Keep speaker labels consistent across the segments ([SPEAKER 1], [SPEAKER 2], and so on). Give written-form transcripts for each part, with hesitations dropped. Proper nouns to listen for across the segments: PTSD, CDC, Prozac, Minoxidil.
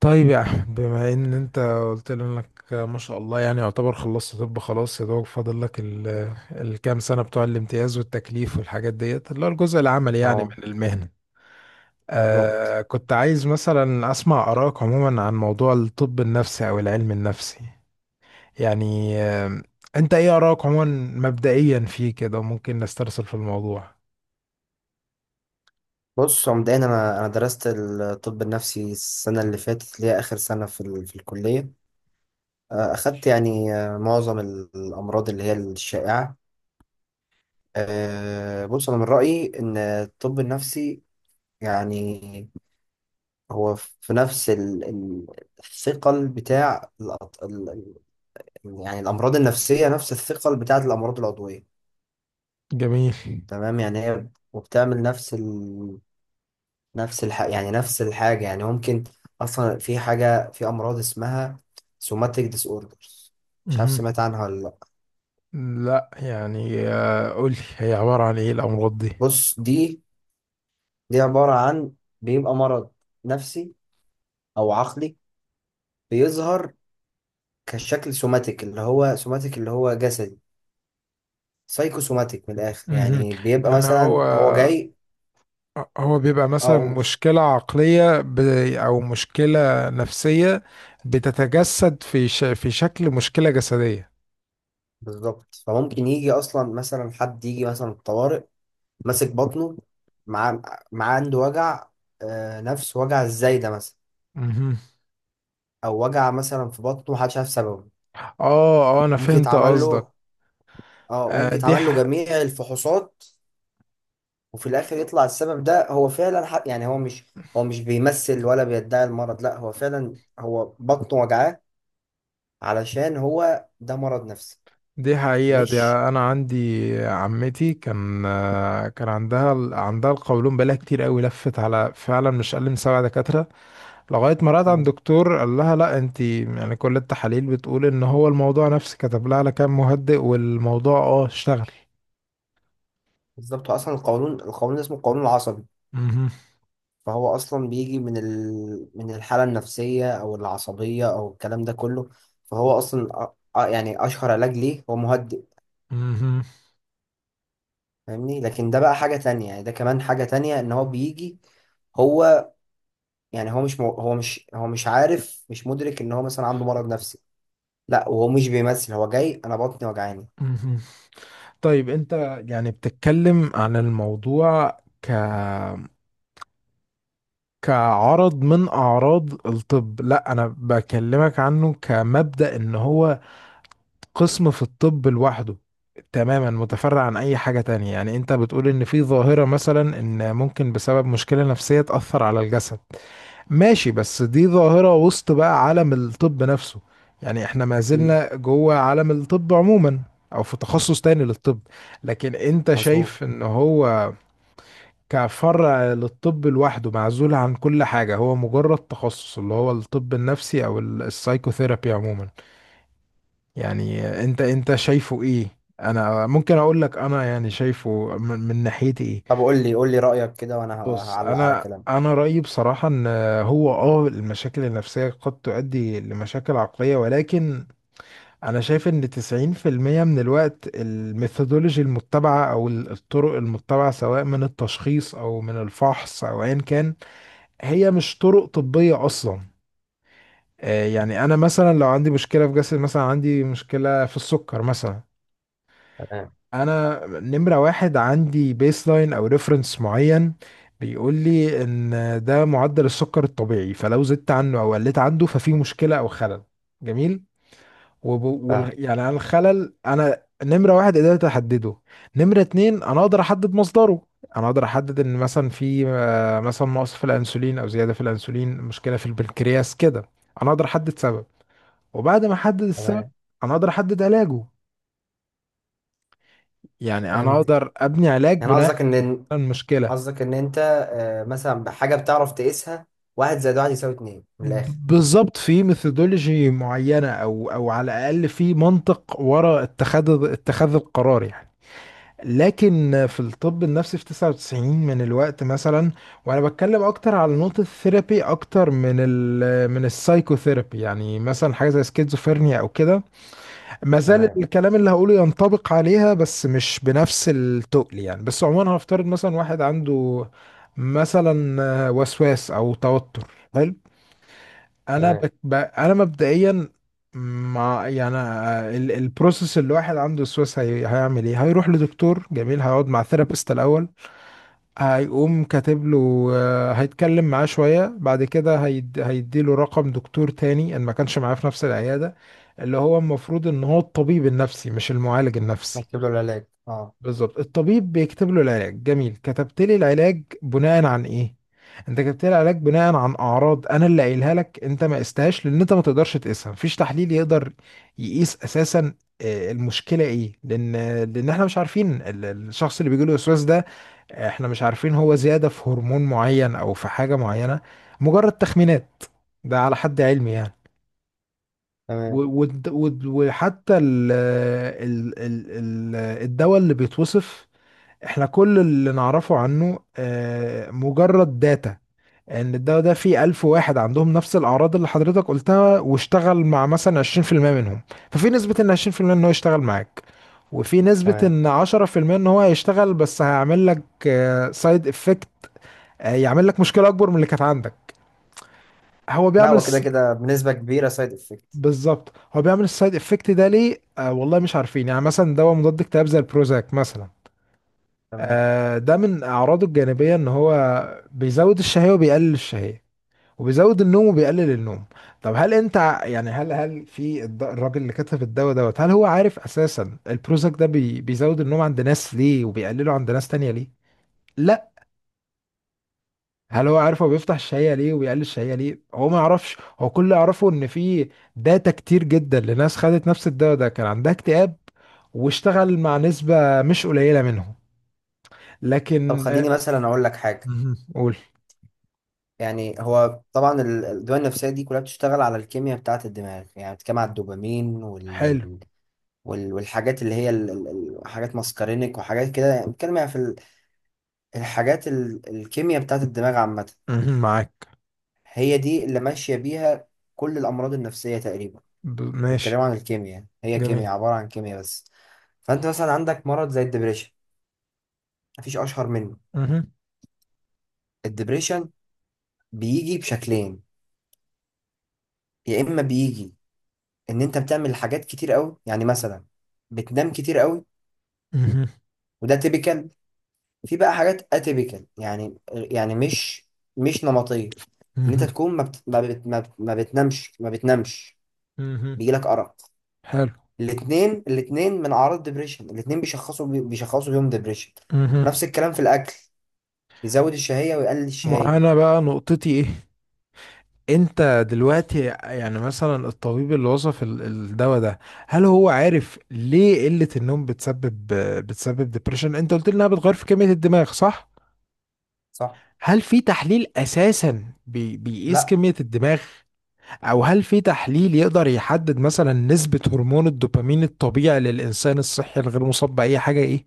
[SPEAKER 1] طيب يا احمد، بما ان انت قلت لي انك ما شاء الله يعني يعتبر خلصت. طب خلاص، يا دوب فاضل لك الكام سنه بتوع الامتياز والتكليف والحاجات ديت اللي هو الجزء العملي يعني
[SPEAKER 2] اه
[SPEAKER 1] من المهنه.
[SPEAKER 2] بالظبط.
[SPEAKER 1] كنت عايز مثلا اسمع ارائك عموما عن موضوع الطب النفسي او العلم النفسي، يعني آه انت ايه ارائك عموما؟ مبدئيا فيه كده ممكن نسترسل في الموضوع.
[SPEAKER 2] بص، هو مبدئيا انا درست الطب النفسي السنه اللي فاتت اللي هي اخر سنه في الكليه، اخدت معظم الامراض اللي هي الشائعه. بص، انا من رايي ان الطب النفسي يعني هو في نفس الثقل بتاع الامراض النفسيه نفس الثقل بتاعه الامراض العضويه.
[SPEAKER 1] جميل.
[SPEAKER 2] تمام، يعني هي وبتعمل نفس نفس الح... يعني نفس الحاجة. يعني ممكن أصلا في حاجة، في أمراض اسمها سوماتيك ديس اوردرز، مش عارف
[SPEAKER 1] مهم.
[SPEAKER 2] سمعت عنها ولا لأ.
[SPEAKER 1] لا يعني، قولي هي عباره عن ايه الامراض دي.
[SPEAKER 2] بص دي، دي عبارة عن بيبقى مرض نفسي أو عقلي بيظهر كشكل سوماتيك، اللي هو سوماتيك اللي هو جسدي، سايكو سوماتيك من الآخر.
[SPEAKER 1] مهم.
[SPEAKER 2] يعني بيبقى
[SPEAKER 1] يعني هو
[SPEAKER 2] مثلا هو جاي
[SPEAKER 1] هو بيبقى مثلا
[SPEAKER 2] أقول
[SPEAKER 1] مشكلة عقلية أو مشكلة نفسية بتتجسد في شكل مشكلة جسدية.
[SPEAKER 2] بالظبط. فممكن يجي أصلا مثلا حد يجي مثلا الطوارئ ماسك بطنه، مع مع عنده وجع، نفس وجع الزايدة مثلا،
[SPEAKER 1] مهم.
[SPEAKER 2] او وجع مثلا في بطنه محدش عارف سببه.
[SPEAKER 1] اه اه، أنا
[SPEAKER 2] ممكن
[SPEAKER 1] فهمت
[SPEAKER 2] يتعمل
[SPEAKER 1] قصدك.
[SPEAKER 2] له، اه
[SPEAKER 1] آه،
[SPEAKER 2] ممكن
[SPEAKER 1] دي
[SPEAKER 2] يتعمل له
[SPEAKER 1] ح...
[SPEAKER 2] جميع الفحوصات، وفي الاخر يطلع السبب ده هو فعلا حق. يعني هو مش، هو مش بيمثل ولا بيدعي المرض، لا هو فعلا هو بطنه وجعاه، علشان هو ده مرض نفسي.
[SPEAKER 1] دي حقيقة. دي
[SPEAKER 2] مش
[SPEAKER 1] أنا عندي عمتي كان، عندها عندها القولون بقالها كتير قوي. لفت على فعلا مش أقل من 7 دكاترة لغاية ما رأت عند
[SPEAKER 2] مم.
[SPEAKER 1] دكتور قال لها لا انت يعني كل التحاليل بتقول ان هو الموضوع نفسي. كتب لها على كام مهدئ، والموضوع اشتغل.
[SPEAKER 2] بالظبط. هو اصلا القولون، القولون اسمه القولون العصبي،
[SPEAKER 1] مهم.
[SPEAKER 2] فهو اصلا بيجي من الحاله النفسيه او العصبيه او الكلام ده كله. فهو اصلا اشهر علاج ليه هو مهدئ،
[SPEAKER 1] مهم.
[SPEAKER 2] فاهمني؟ لكن ده بقى حاجة تانية، يعني ده كمان حاجة تانية ان هو بيجي. هو هو مش، هو مش عارف، مش مدرك ان هو مثلا عنده مرض نفسي، لا، وهو مش بيمثل، هو جاي انا بطني وجعاني.
[SPEAKER 1] مهم. طيب انت يعني بتتكلم عن الموضوع كعرض من اعراض الطب. لا، انا بكلمك عنه كمبدأ ان هو قسم في الطب لوحده، تماما متفرع عن اي حاجة تانية. يعني انت بتقول ان في ظاهرة مثلا ان ممكن بسبب مشكلة نفسية تأثر على الجسد. ماشي، بس دي ظاهرة وسط بقى عالم الطب نفسه، يعني احنا ما
[SPEAKER 2] اكيد.
[SPEAKER 1] زلنا جوه عالم الطب عموما، او في تخصص تاني للطب. لكن انت
[SPEAKER 2] مظبوط.
[SPEAKER 1] شايف ان هو كفرع للطب لوحده، معزول عن كل حاجة، هو مجرد تخصص اللي هو الطب النفسي او السايكوثيرابي عموما. يعني انت شايفه ايه؟ انا ممكن اقول لك انا يعني شايفه من ناحيتي ايه.
[SPEAKER 2] طب قول لي، قول لي رأيك كده وانا
[SPEAKER 1] بص
[SPEAKER 2] هعلق على
[SPEAKER 1] انا
[SPEAKER 2] كلامك.
[SPEAKER 1] انا رايي بصراحه ان هو، المشاكل النفسيه قد تؤدي لمشاكل عقليه، ولكن انا شايف ان 90% من الوقت الميثودولوجي المتبعه او الطرق المتبعه سواء من التشخيص او من الفحص او ايا كان، هي مش طرق طبيه اصلا. يعني انا مثلا لو عندي مشكله في جسد، مثلا عندي مشكله في السكر مثلا،
[SPEAKER 2] تمام.
[SPEAKER 1] انا نمرة واحد عندي بيس لاين او ريفرنس معين بيقول لي ان ده معدل السكر الطبيعي، فلو زدت عنه او قلت عنده ففي مشكلة او خلل. جميل.
[SPEAKER 2] فاهم.
[SPEAKER 1] يعني انا الخلل انا نمرة واحد قدرت احدده. نمرة اتنين انا اقدر احدد مصدره. انا اقدر احدد ان مثلا في مثلا نقص في الانسولين او زيادة في الانسولين، مشكلة في البنكرياس كده. انا اقدر احدد سبب، وبعد ما احدد السبب
[SPEAKER 2] تمام.
[SPEAKER 1] انا اقدر احدد علاجه. يعني انا
[SPEAKER 2] فهمت.
[SPEAKER 1] اقدر ابني علاج
[SPEAKER 2] يعني
[SPEAKER 1] بناء
[SPEAKER 2] قصدك ان،
[SPEAKER 1] المشكلة.
[SPEAKER 2] قصدك ان انت مثلا بحاجة بتعرف تقيسها، واحد زائد واحد يساوي اتنين من الاخر.
[SPEAKER 1] بالظبط، في ميثودولوجي معينة، أو على الأقل في منطق وراء اتخاذ القرار يعني. لكن في الطب النفسي في 99 من الوقت مثلا، وأنا بتكلم أكتر على نقطة الثيرابي أكتر من من السايكوثيرابي. يعني مثلا حاجة زي سكيزوفرينيا أو كده، ما زال
[SPEAKER 2] تمام.
[SPEAKER 1] الكلام اللي هقوله ينطبق عليها بس مش بنفس التقل يعني. بس عموما هنفترض مثلا واحد عنده مثلا وسواس أو توتر. حلو.
[SPEAKER 2] تمام.
[SPEAKER 1] انا مبدئيا مع، يعني البروسيس اللي واحد عنده وسواس هيعمل ايه. هيروح لدكتور، جميل. هيقعد مع ثيرابيست الاول، هيقوم كاتب له، هيتكلم معاه شويه، بعد كده هيديله رقم دكتور تاني ان ما كانش معاه في نفس العياده، اللي هو المفروض ان هو الطبيب النفسي مش المعالج النفسي.
[SPEAKER 2] هتجيب له العلاج، اه.
[SPEAKER 1] بالظبط، الطبيب بيكتب له العلاج. جميل، كتبت لي العلاج بناء عن ايه؟ انت كتبت لي العلاج بناء عن اعراض انا اللي قايلها لك، انت ما قستهاش لان انت ما تقدرش تقيسها، مفيش تحليل يقدر يقيس اساسا المشكله ايه، لان احنا مش عارفين الشخص اللي بيجي له وسواس ده، احنا مش عارفين هو زياده في هرمون معين او في حاجه معينه، مجرد تخمينات. ده على حد علمي يعني. و-
[SPEAKER 2] تمام.
[SPEAKER 1] والد- والد- وحتى ال ال ال ال- الدواء اللي بيتوصف، احنا كل اللي نعرفه عنه مجرد داتا ان الدواء ده فيه 1000 واحد عندهم نفس الأعراض اللي حضرتك قلتها، واشتغل مع مثلا 20% منهم. ففي نسبة ان 20% ان هو يشتغل معاك، وفي نسبة
[SPEAKER 2] تمام.
[SPEAKER 1] ان 10% ان هو هيشتغل بس هيعمل لك سايد افكت، يعمل لك مشكلة أكبر من اللي كانت عندك. هو
[SPEAKER 2] لا،
[SPEAKER 1] بيعمل
[SPEAKER 2] هو كده
[SPEAKER 1] الس-
[SPEAKER 2] كده بنسبة كبيرة سايد افكت.
[SPEAKER 1] بالظبط، هو بيعمل السايد افكت ده ليه؟ والله مش عارفين. يعني مثلا دواء مضاد اكتئاب زي البروزاك مثلا،
[SPEAKER 2] تمام.
[SPEAKER 1] ده من أعراضه الجانبية إن هو بيزود الشهية وبيقلل الشهية، وبيزود النوم وبيقلل النوم. طب هل أنت ع- يعني هل الراجل اللي كتب الدواء دوت، هل هو عارف أساسا البروزاك ده بيزود النوم عند ناس ليه وبيقلله عند ناس تانية ليه؟ لا. هل هو عارف هو بيفتح الشهية ليه وبيقلل الشهية ليه؟ هو ما يعرفش. هو كل اللي يعرفه إن في داتا كتير جدا لناس خدت نفس الدواء ده كان عندها اكتئاب، واشتغل مع نسبة مش قليلة منهم.
[SPEAKER 2] طب
[SPEAKER 1] لكن،
[SPEAKER 2] خليني مثلا اقول لك حاجه.
[SPEAKER 1] مهم. قول.
[SPEAKER 2] يعني هو طبعا الادويه النفسيه دي كلها بتشتغل على الكيمياء بتاعه الدماغ. يعني بتتكلم على الدوبامين
[SPEAKER 1] حلو.
[SPEAKER 2] والحاجات اللي هي حاجات ماسكارينيك وحاجات كده. يعني بتتكلم يعني في الكيمياء بتاعه الدماغ عامه،
[SPEAKER 1] مهم. معاك.
[SPEAKER 2] هي دي اللي ماشيه بيها كل الامراض النفسيه تقريبا.
[SPEAKER 1] ماشي.
[SPEAKER 2] بيتكلموا عن الكيمياء، هي
[SPEAKER 1] جميل.
[SPEAKER 2] كيمياء عباره عن كيمياء بس. فانت مثلا عندك مرض زي الدبريشن، مفيش اشهر منه.
[SPEAKER 1] مهم.
[SPEAKER 2] الدبريشن بيجي بشكلين، يا اما بيجي ان انت بتعمل حاجات كتير قوي، يعني مثلا بتنام كتير قوي،
[SPEAKER 1] مهم.
[SPEAKER 2] وده تيبيكال. في بقى حاجات اتيبيكال، مش نمطيه، ان انت
[SPEAKER 1] مهم.
[SPEAKER 2] تكون ما بتنامش،
[SPEAKER 1] مهم.
[SPEAKER 2] بيجيلك ارق.
[SPEAKER 1] حلو.
[SPEAKER 2] الاثنين من اعراض ديبريشن، بيشخصوا بيهم ديبريشن.
[SPEAKER 1] مهم.
[SPEAKER 2] نفس الكلام في الاكل، يزود الشهيه ويقلل الشهيه.
[SPEAKER 1] وانا بقى نقطتي ايه؟ انت دلوقتي يعني مثلا الطبيب اللي وصف الدواء ده، هل هو عارف ليه قلة النوم بتسبب ديبريشن؟ انت قلت لي انها بتغير في كمية الدماغ، صح.
[SPEAKER 2] صح.
[SPEAKER 1] هل في تحليل اساسا بيقيس
[SPEAKER 2] لا.
[SPEAKER 1] كمية الدماغ؟ او هل في تحليل يقدر يحدد مثلا نسبة هرمون الدوبامين الطبيعي للانسان الصحي الغير مصاب بأي حاجة ايه؟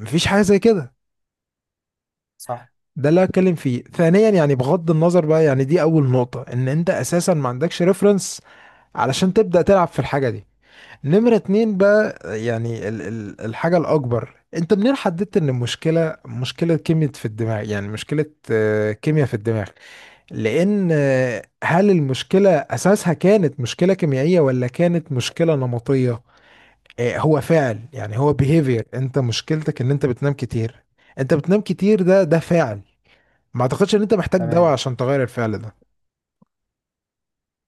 [SPEAKER 1] مفيش حاجه زي كده.
[SPEAKER 2] صح.
[SPEAKER 1] ده اللي هتكلم فيه ثانيا. يعني بغض النظر بقى، يعني دي اول نقطه، ان انت اساسا ما عندكش ريفرنس علشان تبدا تلعب في الحاجه دي. نمره اتنين بقى، يعني ال ال الحاجه الاكبر، انت منين حددت ان المشكله مشكله كيمياء في الدماغ؟ يعني مشكله كيمياء في الدماغ، لان هل المشكله اساسها كانت مشكله كيميائيه ولا كانت مشكله نمطيه؟ هو فعل، يعني هو behavior. انت مشكلتك ان انت بتنام كتير. انت بتنام كتير، ده فعل. ما اعتقدش ان انت محتاج دواء
[SPEAKER 2] تمام.
[SPEAKER 1] عشان تغير الفعل ده.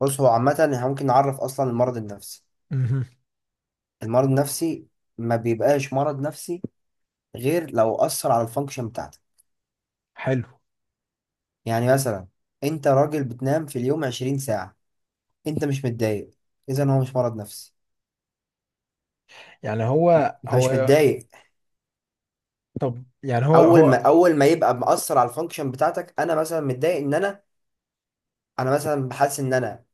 [SPEAKER 2] بص، هو عامه احنا ممكن نعرف اصلا المرض النفسي.
[SPEAKER 1] مهم.
[SPEAKER 2] المرض النفسي ما بيبقاش مرض نفسي غير لو أثر على الفانكشن بتاعتك.
[SPEAKER 1] حلو.
[SPEAKER 2] يعني مثلا أنت راجل بتنام في اليوم 20 ساعة، أنت مش متضايق، إذا هو مش مرض نفسي.
[SPEAKER 1] يعني هو
[SPEAKER 2] أنت مش
[SPEAKER 1] هو
[SPEAKER 2] متضايق.
[SPEAKER 1] طب يعني هو
[SPEAKER 2] أول
[SPEAKER 1] هو
[SPEAKER 2] ما، أول ما يبقى مأثر على الفانكشن بتاعتك، أنا مثلا متضايق إن أنا، أنا مثلا بحس إن أنا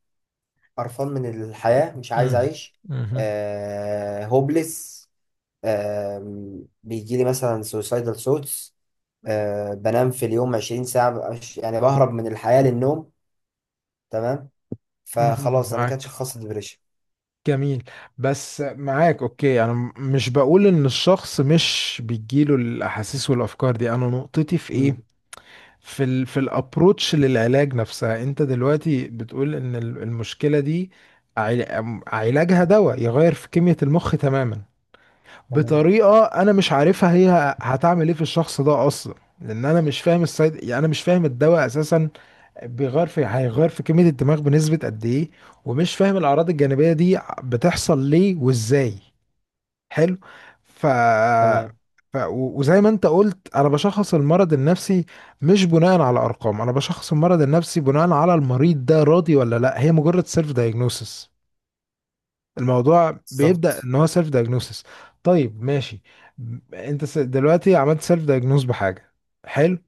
[SPEAKER 2] قرفان من الحياة، مش عايز
[SPEAKER 1] مهم.
[SPEAKER 2] أعيش،
[SPEAKER 1] مهم.
[SPEAKER 2] آه هوبلس، آه بيجي لي مثلا سوسايدال ثوتس، آه بنام في اليوم 20 ساعة، ببقى مش- يعني بهرب من الحياة للنوم، تمام،
[SPEAKER 1] مهم.
[SPEAKER 2] فخلاص أنا كده
[SPEAKER 1] معاك.
[SPEAKER 2] شخصت ديبريشن.
[SPEAKER 1] جميل. بس معاك، اوكي، انا مش بقول ان الشخص مش بيجيله الاحاسيس والافكار دي. انا نقطتي في ايه؟ في الابروتش للعلاج نفسها. انت دلوقتي بتقول ان المشكله دي، علاجها دواء يغير في كميه المخ تماما
[SPEAKER 2] تمام.
[SPEAKER 1] بطريقه انا مش عارفها هي هتعمل ايه في الشخص ده اصلا، لان انا مش فاهم السايد، يعني انا مش فاهم الدواء اساسا بيغير في هيغير في كميه الدماغ بنسبه قد ايه، ومش فاهم الاعراض الجانبيه دي بتحصل ليه وازاي. حلو. ف...
[SPEAKER 2] تمام.
[SPEAKER 1] وزي ما انت قلت، انا بشخص المرض النفسي مش بناء على ارقام، انا بشخص المرض النفسي بناء على المريض ده راضي ولا لا. هي مجرد سيلف دايجنوسس، الموضوع بيبدأ
[SPEAKER 2] بالظبط.
[SPEAKER 1] ان هو سيلف دايجنوسس. طيب ماشي. انت دلوقتي عملت سيلف دايجنوس بحاجة. حلو.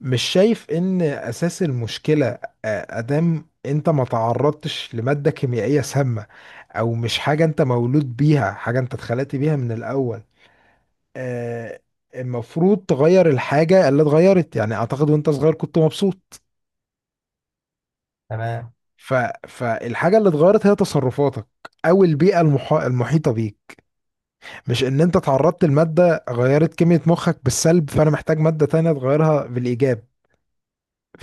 [SPEAKER 1] مش شايف ان اساس المشكلة، ادام انت ما تعرضتش لمادة كيميائية سامة او مش حاجة انت مولود بيها، حاجة انت اتخلقت بيها من الاول، آه، المفروض تغير الحاجة اللي اتغيرت؟ يعني اعتقد وانت صغير كنت مبسوط.
[SPEAKER 2] تمام.
[SPEAKER 1] ف... فالحاجة اللي اتغيرت هي تصرفاتك او البيئة المحيطة بيك، مش ان انت تعرضت لمادة غيرت كمية مخك بالسلب فانا محتاج مادة تانية تغيرها بالايجاب.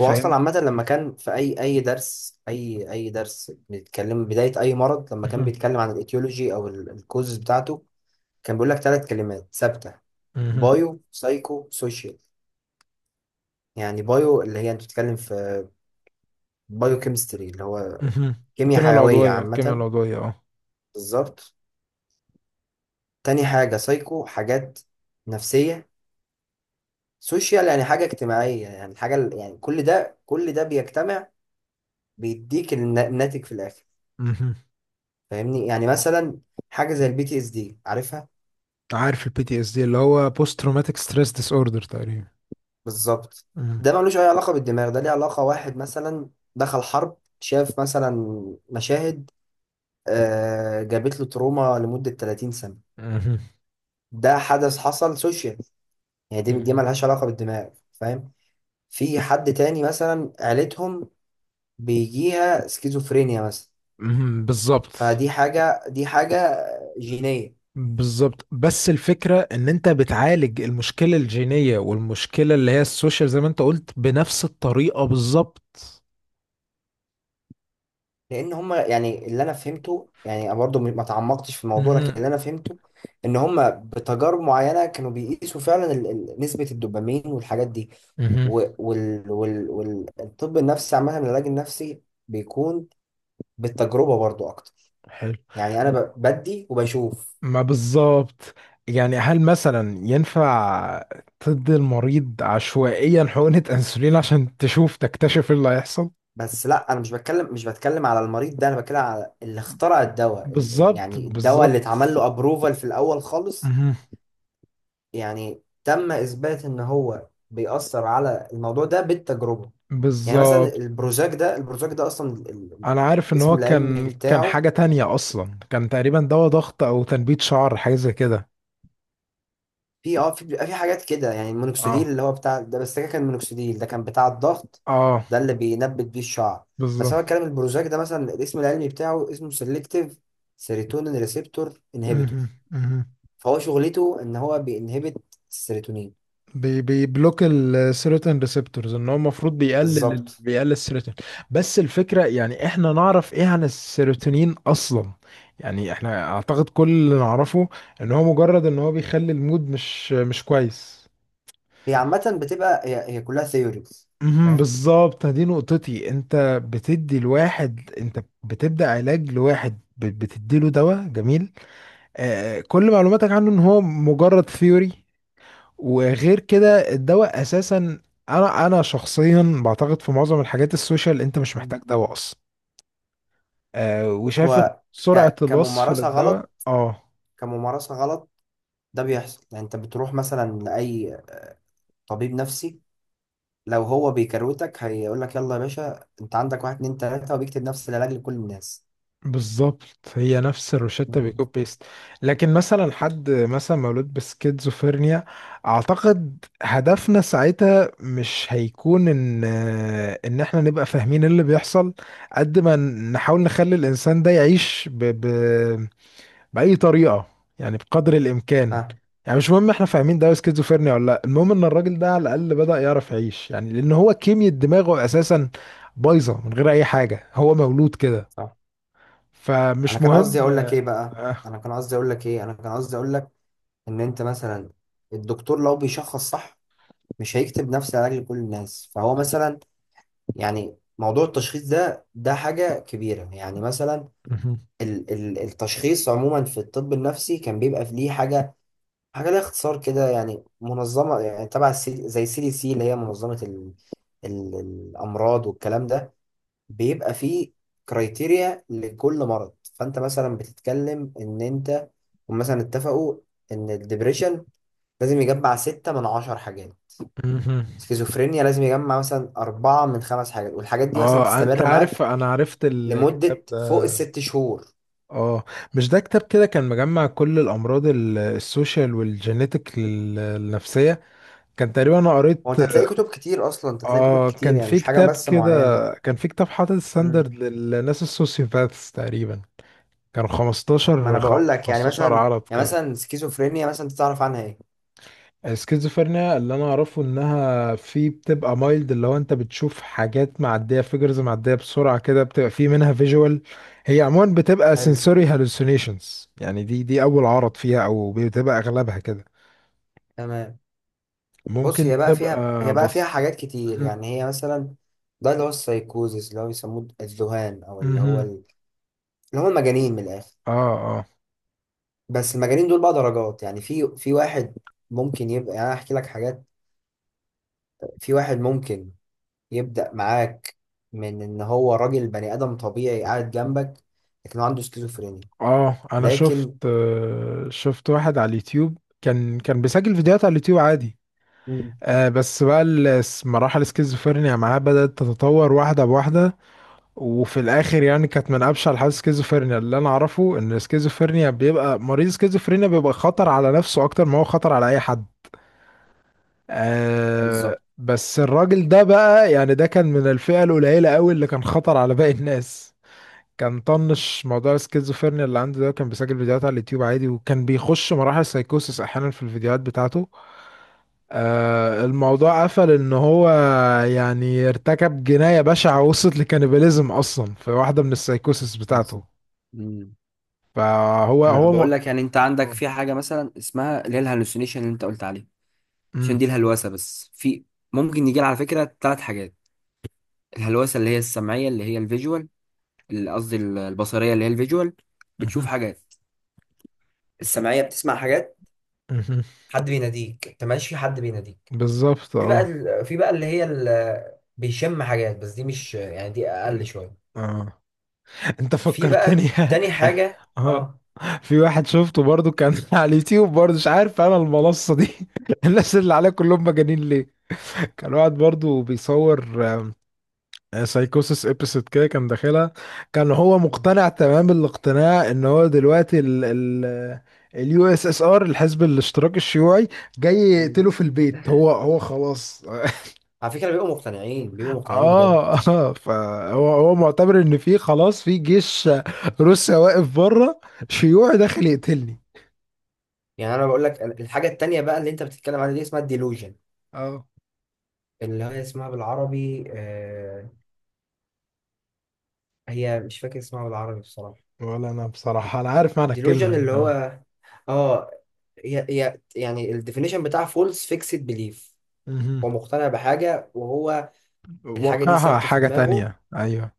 [SPEAKER 2] هو اصلا عامه لما كان في اي اي درس، اي اي درس بيتكلم بدايه اي مرض، لما كان
[SPEAKER 1] مهم.
[SPEAKER 2] بيتكلم عن الايتيولوجي او الكوزز بتاعته، كان بيقول لك 3 كلمات ثابته،
[SPEAKER 1] مهم.
[SPEAKER 2] بايو سايكو سوشيال. يعني بايو اللي هي انت بتتكلم في بايو كيمستري، اللي هو
[SPEAKER 1] مهم.
[SPEAKER 2] كيمياء
[SPEAKER 1] الكيمياء
[SPEAKER 2] حيويه
[SPEAKER 1] العضوية، الكيمياء
[SPEAKER 2] عامه،
[SPEAKER 1] العضوية اه.
[SPEAKER 2] بالظبط. تاني حاجه سايكو، حاجات نفسيه. سوشيال يعني حاجه اجتماعيه. يعني حاجه، يعني كل ده، كل ده بيجتمع بيديك الناتج في الاخر،
[SPEAKER 1] مهم.
[SPEAKER 2] فاهمني؟ يعني مثلا حاجه زي البي تي اس دي، عارفها؟
[SPEAKER 1] عارف PTSD اللي هو بوست تروماتيك ستريس ديس اوردر تقريبا.
[SPEAKER 2] بالظبط.
[SPEAKER 1] مهم.
[SPEAKER 2] ده ملوش اي علاقه بالدماغ، ده ليه علاقه. واحد مثلا دخل حرب، شاف مثلا مشاهد، جابت له تروما لمده 30 سنه،
[SPEAKER 1] مهم.
[SPEAKER 2] ده حدث حصل سوشيال. يعني دي، دي
[SPEAKER 1] مهم.
[SPEAKER 2] ملهاش علاقه بالدماغ، فاهم؟ في حد تاني مثلا عيلتهم بيجيها سكيزوفرينيا مثلا،
[SPEAKER 1] مهم. بالظبط،
[SPEAKER 2] فدي حاجه، دي حاجه جينيه.
[SPEAKER 1] بالظبط. بس الفكرة ان انت بتعالج المشكلة الجينية والمشكلة اللي هي السوشيال زي ما انت قلت بنفس الطريقة بالظبط.
[SPEAKER 2] لان هم، يعني اللي انا فهمته يعني، أنا برضه ما تعمقتش في الموضوع، لكن
[SPEAKER 1] مهم.
[SPEAKER 2] اللي انا فهمته ان هم بتجارب معينه كانوا بيقيسوا فعلا نسبه الدوبامين والحاجات دي.
[SPEAKER 1] مهم.
[SPEAKER 2] والطب النفسي عامه، العلاج النفسي بيكون بالتجربه برضه اكتر.
[SPEAKER 1] حلو.
[SPEAKER 2] يعني انا بدي وبشوف.
[SPEAKER 1] ما بالظبط، يعني هل مثلا ينفع تدي المريض عشوائيا حقنة انسولين عشان تشوف تكتشف ايه اللي هيحصل؟
[SPEAKER 2] بس لا، انا مش بتكلم، مش بتكلم على المريض ده، انا بتكلم على اللي اخترع الدواء،
[SPEAKER 1] بالظبط،
[SPEAKER 2] الدواء اللي
[SPEAKER 1] بالظبط.
[SPEAKER 2] اتعمل له ابروفال في الاول خالص.
[SPEAKER 1] مهم.
[SPEAKER 2] يعني تم إثبات إن هو بيأثر على الموضوع ده بالتجربة. يعني مثلا
[SPEAKER 1] بالظبط.
[SPEAKER 2] البروجاك ده،
[SPEAKER 1] انا عارف ان
[SPEAKER 2] الاسم
[SPEAKER 1] هو
[SPEAKER 2] العلمي
[SPEAKER 1] كان
[SPEAKER 2] بتاعه،
[SPEAKER 1] حاجة تانية اصلا، كان تقريبا دواء ضغط او تنبيت شعر حاجة زي كده.
[SPEAKER 2] في اه في بيبقى في حاجات كده، يعني المونوكسيديل
[SPEAKER 1] اه.
[SPEAKER 2] اللي هو بتاع ده، بس ده كان مونوكسيديل، ده كان بتاع الضغط،
[SPEAKER 1] اه.
[SPEAKER 2] ده اللي بينبت بيه الشعر. بس
[SPEAKER 1] بالظبط.
[SPEAKER 2] انا بتكلم البروجاك ده مثلا، الاسم العلمي بتاعه اسمه سيلكتيف سيروتونين ريسبتور
[SPEAKER 1] مهم.
[SPEAKER 2] انهبيتور.
[SPEAKER 1] مهم.
[SPEAKER 2] فهو شغلته ان هو بينهبت السيروتونين.
[SPEAKER 1] بيبلوك السيروتين ريسبتورز، ان هو المفروض بيقلل
[SPEAKER 2] بالظبط.
[SPEAKER 1] بيقلل السيروتين. بس الفكره يعني احنا نعرف ايه عن السيروتونين اصلا؟ يعني احنا اعتقد كل اللي نعرفه ان هو بيخلي المود مش كويس.
[SPEAKER 2] هي عامة بتبقى هي كلها ثيوريز،
[SPEAKER 1] مهم.
[SPEAKER 2] فاهم.
[SPEAKER 1] بالظبط، دي نقطتي. انت بتدي الواحد، انت بتبدا علاج لواحد بتدي له دواء، جميل. كل معلوماتك عنه ان هو مجرد ثيوري. وغير كده الدواء اساسا، انا شخصيا بعتقد في معظم الحاجات السوشيال انت مش محتاج دواء اصلا. وشايف ان
[SPEAKER 2] هو
[SPEAKER 1] سرعة الوصف
[SPEAKER 2] كممارسة غلط،
[SPEAKER 1] للدواء اه
[SPEAKER 2] كممارسة غلط. ده بيحصل، يعني انت بتروح مثلا لأي طبيب نفسي، لو هو بيكروتك هيقول لك يلا يا باشا، انت عندك واحد اتنين تلاتة، وبيكتب نفس العلاج لكل الناس.
[SPEAKER 1] بالظبط، هي نفس الروشتة بيكوب بيست. لكن مثلا حد مثلا مولود بسكيزوفرينيا، اعتقد هدفنا ساعتها مش هيكون ان احنا نبقى فاهمين اللي بيحصل قد ما نحاول نخلي الانسان ده يعيش بأي طريقة، يعني بقدر الإمكان.
[SPEAKER 2] اه.
[SPEAKER 1] يعني مش مهم احنا فاهمين ده سكيزوفرينيا ولا لا، المهم ان الراجل ده على الأقل بدأ يعرف يعيش، يعني لأن هو كيمياء دماغه أساسا بايظة من غير أي حاجة، هو مولود كده.
[SPEAKER 2] صح. انا
[SPEAKER 1] فمش
[SPEAKER 2] كان
[SPEAKER 1] مهم
[SPEAKER 2] قصدي اقول لك ايه
[SPEAKER 1] اه
[SPEAKER 2] بقى،
[SPEAKER 1] آه.
[SPEAKER 2] انا كان قصدي اقول لك انا كان قصدي اقول لك ان انت مثلا، الدكتور لو بيشخص صح مش هيكتب نفس العلاج لكل الناس. فهو مثلا، يعني موضوع التشخيص ده، ده حاجة كبيرة. يعني مثلا
[SPEAKER 1] مهم.
[SPEAKER 2] التشخيص عموما في الطب النفسي كان بيبقى في ليه حاجه، حاجه ليها اختصار كده، يعني منظمه، يعني تبع زي سي دي سي، اللي هي منظمه ال ال الامراض والكلام ده. بيبقى فيه كرايتيريا لكل مرض. فانت مثلا بتتكلم ان انت، هم مثلا اتفقوا ان الدبريشن لازم يجمع 6 من 10 حاجات،
[SPEAKER 1] مهم.
[SPEAKER 2] سكيزوفرينيا لازم يجمع مثلا 4 من 5 حاجات، والحاجات دي مثلا
[SPEAKER 1] انت
[SPEAKER 2] تستمر
[SPEAKER 1] عارف،
[SPEAKER 2] معاك
[SPEAKER 1] انا عرفت الكتاب
[SPEAKER 2] لمدة فوق
[SPEAKER 1] ده.
[SPEAKER 2] ال 6 شهور.
[SPEAKER 1] اه. مش ده كتاب كده كان مجمع كل الامراض السوشيال والجينيتك النفسية، كان تقريبا، انا
[SPEAKER 2] هو
[SPEAKER 1] قريت.
[SPEAKER 2] انت هتلاقي كتب كتير اصلا، انت هتلاقي كتب
[SPEAKER 1] اه،
[SPEAKER 2] كتير
[SPEAKER 1] كان
[SPEAKER 2] يعني،
[SPEAKER 1] في
[SPEAKER 2] مش حاجه
[SPEAKER 1] كتاب
[SPEAKER 2] بس
[SPEAKER 1] كده،
[SPEAKER 2] معينه.
[SPEAKER 1] كان في كتاب حاطط
[SPEAKER 2] امم.
[SPEAKER 1] ستاندرد للناس السوسيوباثs تقريبا، كانوا
[SPEAKER 2] ما انا بقول لك، يعني
[SPEAKER 1] 15
[SPEAKER 2] مثلا،
[SPEAKER 1] عرض
[SPEAKER 2] يعني
[SPEAKER 1] كده.
[SPEAKER 2] مثلا سكيزوفرينيا مثلا، انت تعرف عنها ايه؟
[SPEAKER 1] السكيزوفرينيا اللي انا اعرفه انها في، بتبقى مايلد اللي هو انت بتشوف حاجات معديه، فيجرز معديه بسرعه كده، بتبقى في منها فيجوال. هي عموما بتبقى
[SPEAKER 2] حلو.
[SPEAKER 1] sensory hallucinations. يعني دي اول عرض فيها او بتبقى اغلبها كده.
[SPEAKER 2] تمام. بص، هي
[SPEAKER 1] ممكن
[SPEAKER 2] بقى فيها، هي
[SPEAKER 1] تبقى
[SPEAKER 2] بقى فيها
[SPEAKER 1] بص.
[SPEAKER 2] حاجات كتير.
[SPEAKER 1] مهم.
[SPEAKER 2] يعني هي مثلا ده اللي هو السايكوزيس، اللي هو بيسموه الذهان، او اللي هو
[SPEAKER 1] مهم.
[SPEAKER 2] اللي هم المجانين من الاخر.
[SPEAKER 1] اه
[SPEAKER 2] بس المجانين دول بقى درجات. يعني في، في واحد ممكن يبقى، يعني انا احكي لك حاجات. في واحد ممكن يبدأ معاك من ان هو راجل بني ادم طبيعي قاعد جنبك، لكن هو عنده سكيزوفرينيا.
[SPEAKER 1] اه، انا شفت،
[SPEAKER 2] لكن
[SPEAKER 1] شفت واحد على اليوتيوب، كان بيسجل فيديوهات على اليوتيوب عادي.
[SPEAKER 2] مم.
[SPEAKER 1] بس بقى مراحل السكيزوفرينيا معاه بدأت تتطور واحدة بواحدة، وفي الآخر يعني كانت من أبشع الحالات. السكيزوفرينيا اللي أنا أعرفه إن السكيزوفرينيا بيبقى مريض السكيزوفرينيا بيبقى خطر على نفسه أكتر ما هو خطر على أي حد.
[SPEAKER 2] بالظبط.
[SPEAKER 1] بس الراجل ده بقى، يعني ده كان من الفئة القليلة قوي اللي كان خطر على باقي الناس. كان طنش موضوع السكيزوفرينيا اللي عنده ده، كان بيسجل فيديوهات على اليوتيوب عادي، وكان بيخش مراحل سايكوسس احيانا في الفيديوهات بتاعته. الموضوع قفل ان هو يعني ارتكب جناية بشعة وصلت لكانيباليزم اصلا في واحدة من السايكوسس بتاعته.
[SPEAKER 2] بالظبط. مم.
[SPEAKER 1] فهو
[SPEAKER 2] انا
[SPEAKER 1] هو م...
[SPEAKER 2] بقول لك، يعني انت عندك
[SPEAKER 1] مم.
[SPEAKER 2] في حاجه مثلا اسمها اللي هي الهلوسينيشن اللي انت قلت عليه، عشان دي الهلوسه، بس في ممكن يجي على فكره 3 حاجات. الهلوسه اللي هي السمعيه، اللي هي الفيجوال، البصريه اللي هي الفيجوال، بتشوف
[SPEAKER 1] مهم.
[SPEAKER 2] حاجات. السمعيه بتسمع حاجات،
[SPEAKER 1] مهم.
[SPEAKER 2] حد بيناديك، انت ماشي في حد بيناديك.
[SPEAKER 1] بالظبط.
[SPEAKER 2] في بقى
[SPEAKER 1] اه.
[SPEAKER 2] بيشم حاجات، بس دي مش يعني، دي اقل
[SPEAKER 1] مم.
[SPEAKER 2] شويه.
[SPEAKER 1] اه. انت
[SPEAKER 2] في
[SPEAKER 1] فكرتني.
[SPEAKER 2] بقى تاني حاجه،
[SPEAKER 1] اه،
[SPEAKER 2] اه.
[SPEAKER 1] في واحد شفته برضو كان على اليوتيوب برضو، مش عارف انا المنصة دي الناس اللي عليها كلهم مجانين ليه. كان واحد برضو بيصور سايكوسس ابيسود كده كان داخلها. كان هو مقتنع تمام الاقتناع ان هو دلوقتي ال ال USSR، الحزب الاشتراكي الشيوعي، جاي
[SPEAKER 2] مم.
[SPEAKER 1] يقتله في البيت. هو خلاص،
[SPEAKER 2] على فكرة بيبقوا مقتنعين، بيبقوا مقتنعين بجد.
[SPEAKER 1] اه اه، فهو معتبر ان في خلاص، في جيش روسيا واقف بره، شيوعي داخل يقتلني.
[SPEAKER 2] يعني انا بقول لك الحاجة التانية بقى اللي انت بتتكلم عليها دي اسمها الديلوجن،
[SPEAKER 1] اه.
[SPEAKER 2] اللي هي اسمها بالعربي آه، هي مش فاكر اسمها بالعربي بصراحة.
[SPEAKER 1] ولا انا بصراحة، انا عارف معنى الكلمة
[SPEAKER 2] ديلوجن
[SPEAKER 1] يعني.
[SPEAKER 2] اللي
[SPEAKER 1] اه.
[SPEAKER 2] هو اه، هي يعني الديفينيشن بتاع فولس فيكسد بليف،
[SPEAKER 1] مهم.
[SPEAKER 2] هو مقتنع بحاجة وهو، الحاجة دي
[SPEAKER 1] واقعها
[SPEAKER 2] ثابتة في
[SPEAKER 1] حاجة
[SPEAKER 2] دماغه،
[SPEAKER 1] تانية، ايوه.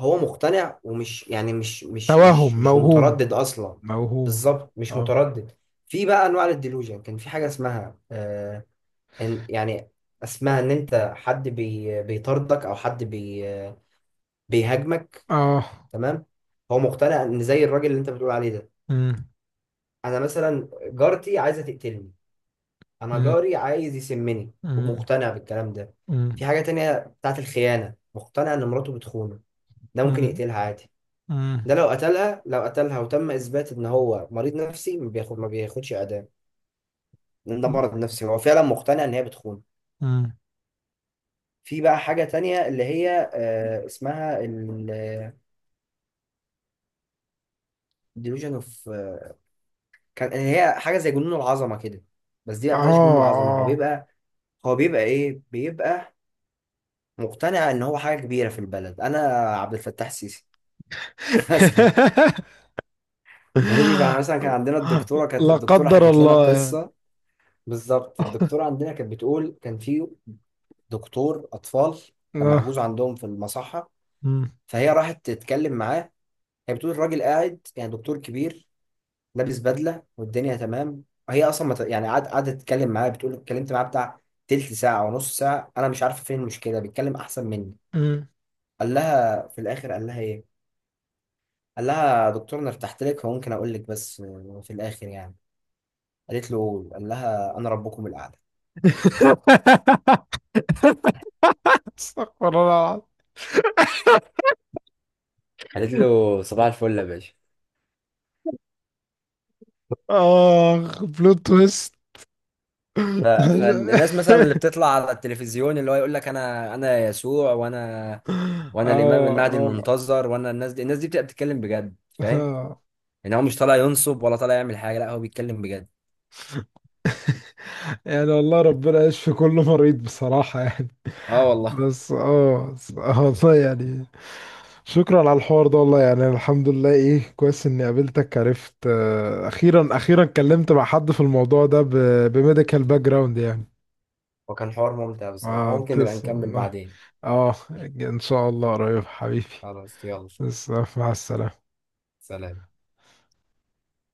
[SPEAKER 2] هو مقتنع، ومش يعني
[SPEAKER 1] توهم،
[SPEAKER 2] مش
[SPEAKER 1] موهوم.
[SPEAKER 2] متردد اصلا.
[SPEAKER 1] موهوم.
[SPEAKER 2] بالظبط، مش
[SPEAKER 1] اه.
[SPEAKER 2] متردد. في بقى انواع للديلوجن، كان في حاجة اسمها آه، إن يعني اسمها ان انت، حد بي بيطاردك، او حد بي بيهاجمك.
[SPEAKER 1] اه.
[SPEAKER 2] تمام. هو مقتنع ان، زي الراجل اللي انت بتقول عليه ده،
[SPEAKER 1] مم.
[SPEAKER 2] انا مثلا جارتي عايزه تقتلني، انا
[SPEAKER 1] مم.
[SPEAKER 2] جاري عايز يسمني،
[SPEAKER 1] مم.
[SPEAKER 2] ومقتنع بالكلام ده. في
[SPEAKER 1] مم.
[SPEAKER 2] حاجه تانية بتاعت الخيانه، مقتنع ان مراته بتخونه، ده ممكن
[SPEAKER 1] مم.
[SPEAKER 2] يقتلها عادي. ده
[SPEAKER 1] مم.
[SPEAKER 2] لو قتلها، لو قتلها وتم اثبات ان هو مريض نفسي، ما بياخد، ما بياخدش اعدام، لان ده مرض نفسي، هو فعلا مقتنع ان هي بتخونه.
[SPEAKER 1] مم.
[SPEAKER 2] في بقى حاجه تانية اللي هي اسمها ديلوجن اوف، كان هي حاجه زي جنون العظمه كده، بس دي ما
[SPEAKER 1] اه
[SPEAKER 2] بتبقاش جنون العظمه. هو
[SPEAKER 1] اه.
[SPEAKER 2] بيبقى هو بيبقى ايه بيبقى مقتنع ان هو حاجه كبيره في البلد، انا عبد الفتاح السيسي مثلا. ماشي. فاحنا مثلا كان عندنا الدكتوره، كانت
[SPEAKER 1] لا
[SPEAKER 2] الدكتوره
[SPEAKER 1] قدر
[SPEAKER 2] حكت لنا
[SPEAKER 1] الله يعني.
[SPEAKER 2] قصه. بالظبط. الدكتوره عندنا كانت بتقول كان في دكتور اطفال كان
[SPEAKER 1] آه.
[SPEAKER 2] محجوز عندهم في المصحه،
[SPEAKER 1] مم.
[SPEAKER 2] فهي راحت تتكلم معاه. هي بتقول الراجل قاعد يعني دكتور كبير لابس بدله، والدنيا تمام. هي اصلا ما ت- يعني قعد- قعدت تتكلم معايا، بتقول اتكلمت معاها بتاع تلت ساعه ونص ساعه، انا مش عارفه فين المشكله، بيتكلم احسن مني.
[SPEAKER 1] مم.
[SPEAKER 2] قال لها في الاخر قال لها ايه، قال لها يا دكتور انا ارتحت لك فممكن اقول لك، بس في الاخر يعني، قالت له قول، قال لها انا ربكم الاعلى،
[SPEAKER 1] استغفر الله
[SPEAKER 2] قالت
[SPEAKER 1] العظيم.
[SPEAKER 2] له صباح الفل يا باشا.
[SPEAKER 1] اخ، بلوت تويست.
[SPEAKER 2] فالناس مثلا اللي بتطلع على التلفزيون اللي هو يقول لك انا، يسوع، وانا،
[SPEAKER 1] اه
[SPEAKER 2] وانا الامام المهدي
[SPEAKER 1] اه.
[SPEAKER 2] المنتظر، وانا، الناس دي، الناس دي بتبقى بتتكلم بجد، فاهم؟
[SPEAKER 1] آه.
[SPEAKER 2] يعني هو مش طالع ينصب، ولا طالع يعمل حاجه، لا هو بيتكلم بجد.
[SPEAKER 1] يعني والله ربنا يشفي كل مريض بصراحة يعني.
[SPEAKER 2] اه والله.
[SPEAKER 1] بس والله يعني، شكرا على الحوار ده، والله. يعني الحمد لله، ايه كويس اني قابلتك، عرفت اخيرا اخيرا اتكلمت مع حد في الموضوع ده بميديكال باك جراوند يعني.
[SPEAKER 2] وكان حوار ممتع بصراحه،
[SPEAKER 1] اه
[SPEAKER 2] ممكن نبقى
[SPEAKER 1] تسلم
[SPEAKER 2] نكمل
[SPEAKER 1] والله.
[SPEAKER 2] بعدين.
[SPEAKER 1] اه. ان شاء الله قريب حبيبي.
[SPEAKER 2] خلاص يلا،
[SPEAKER 1] بس مع السلامة.
[SPEAKER 2] سلام.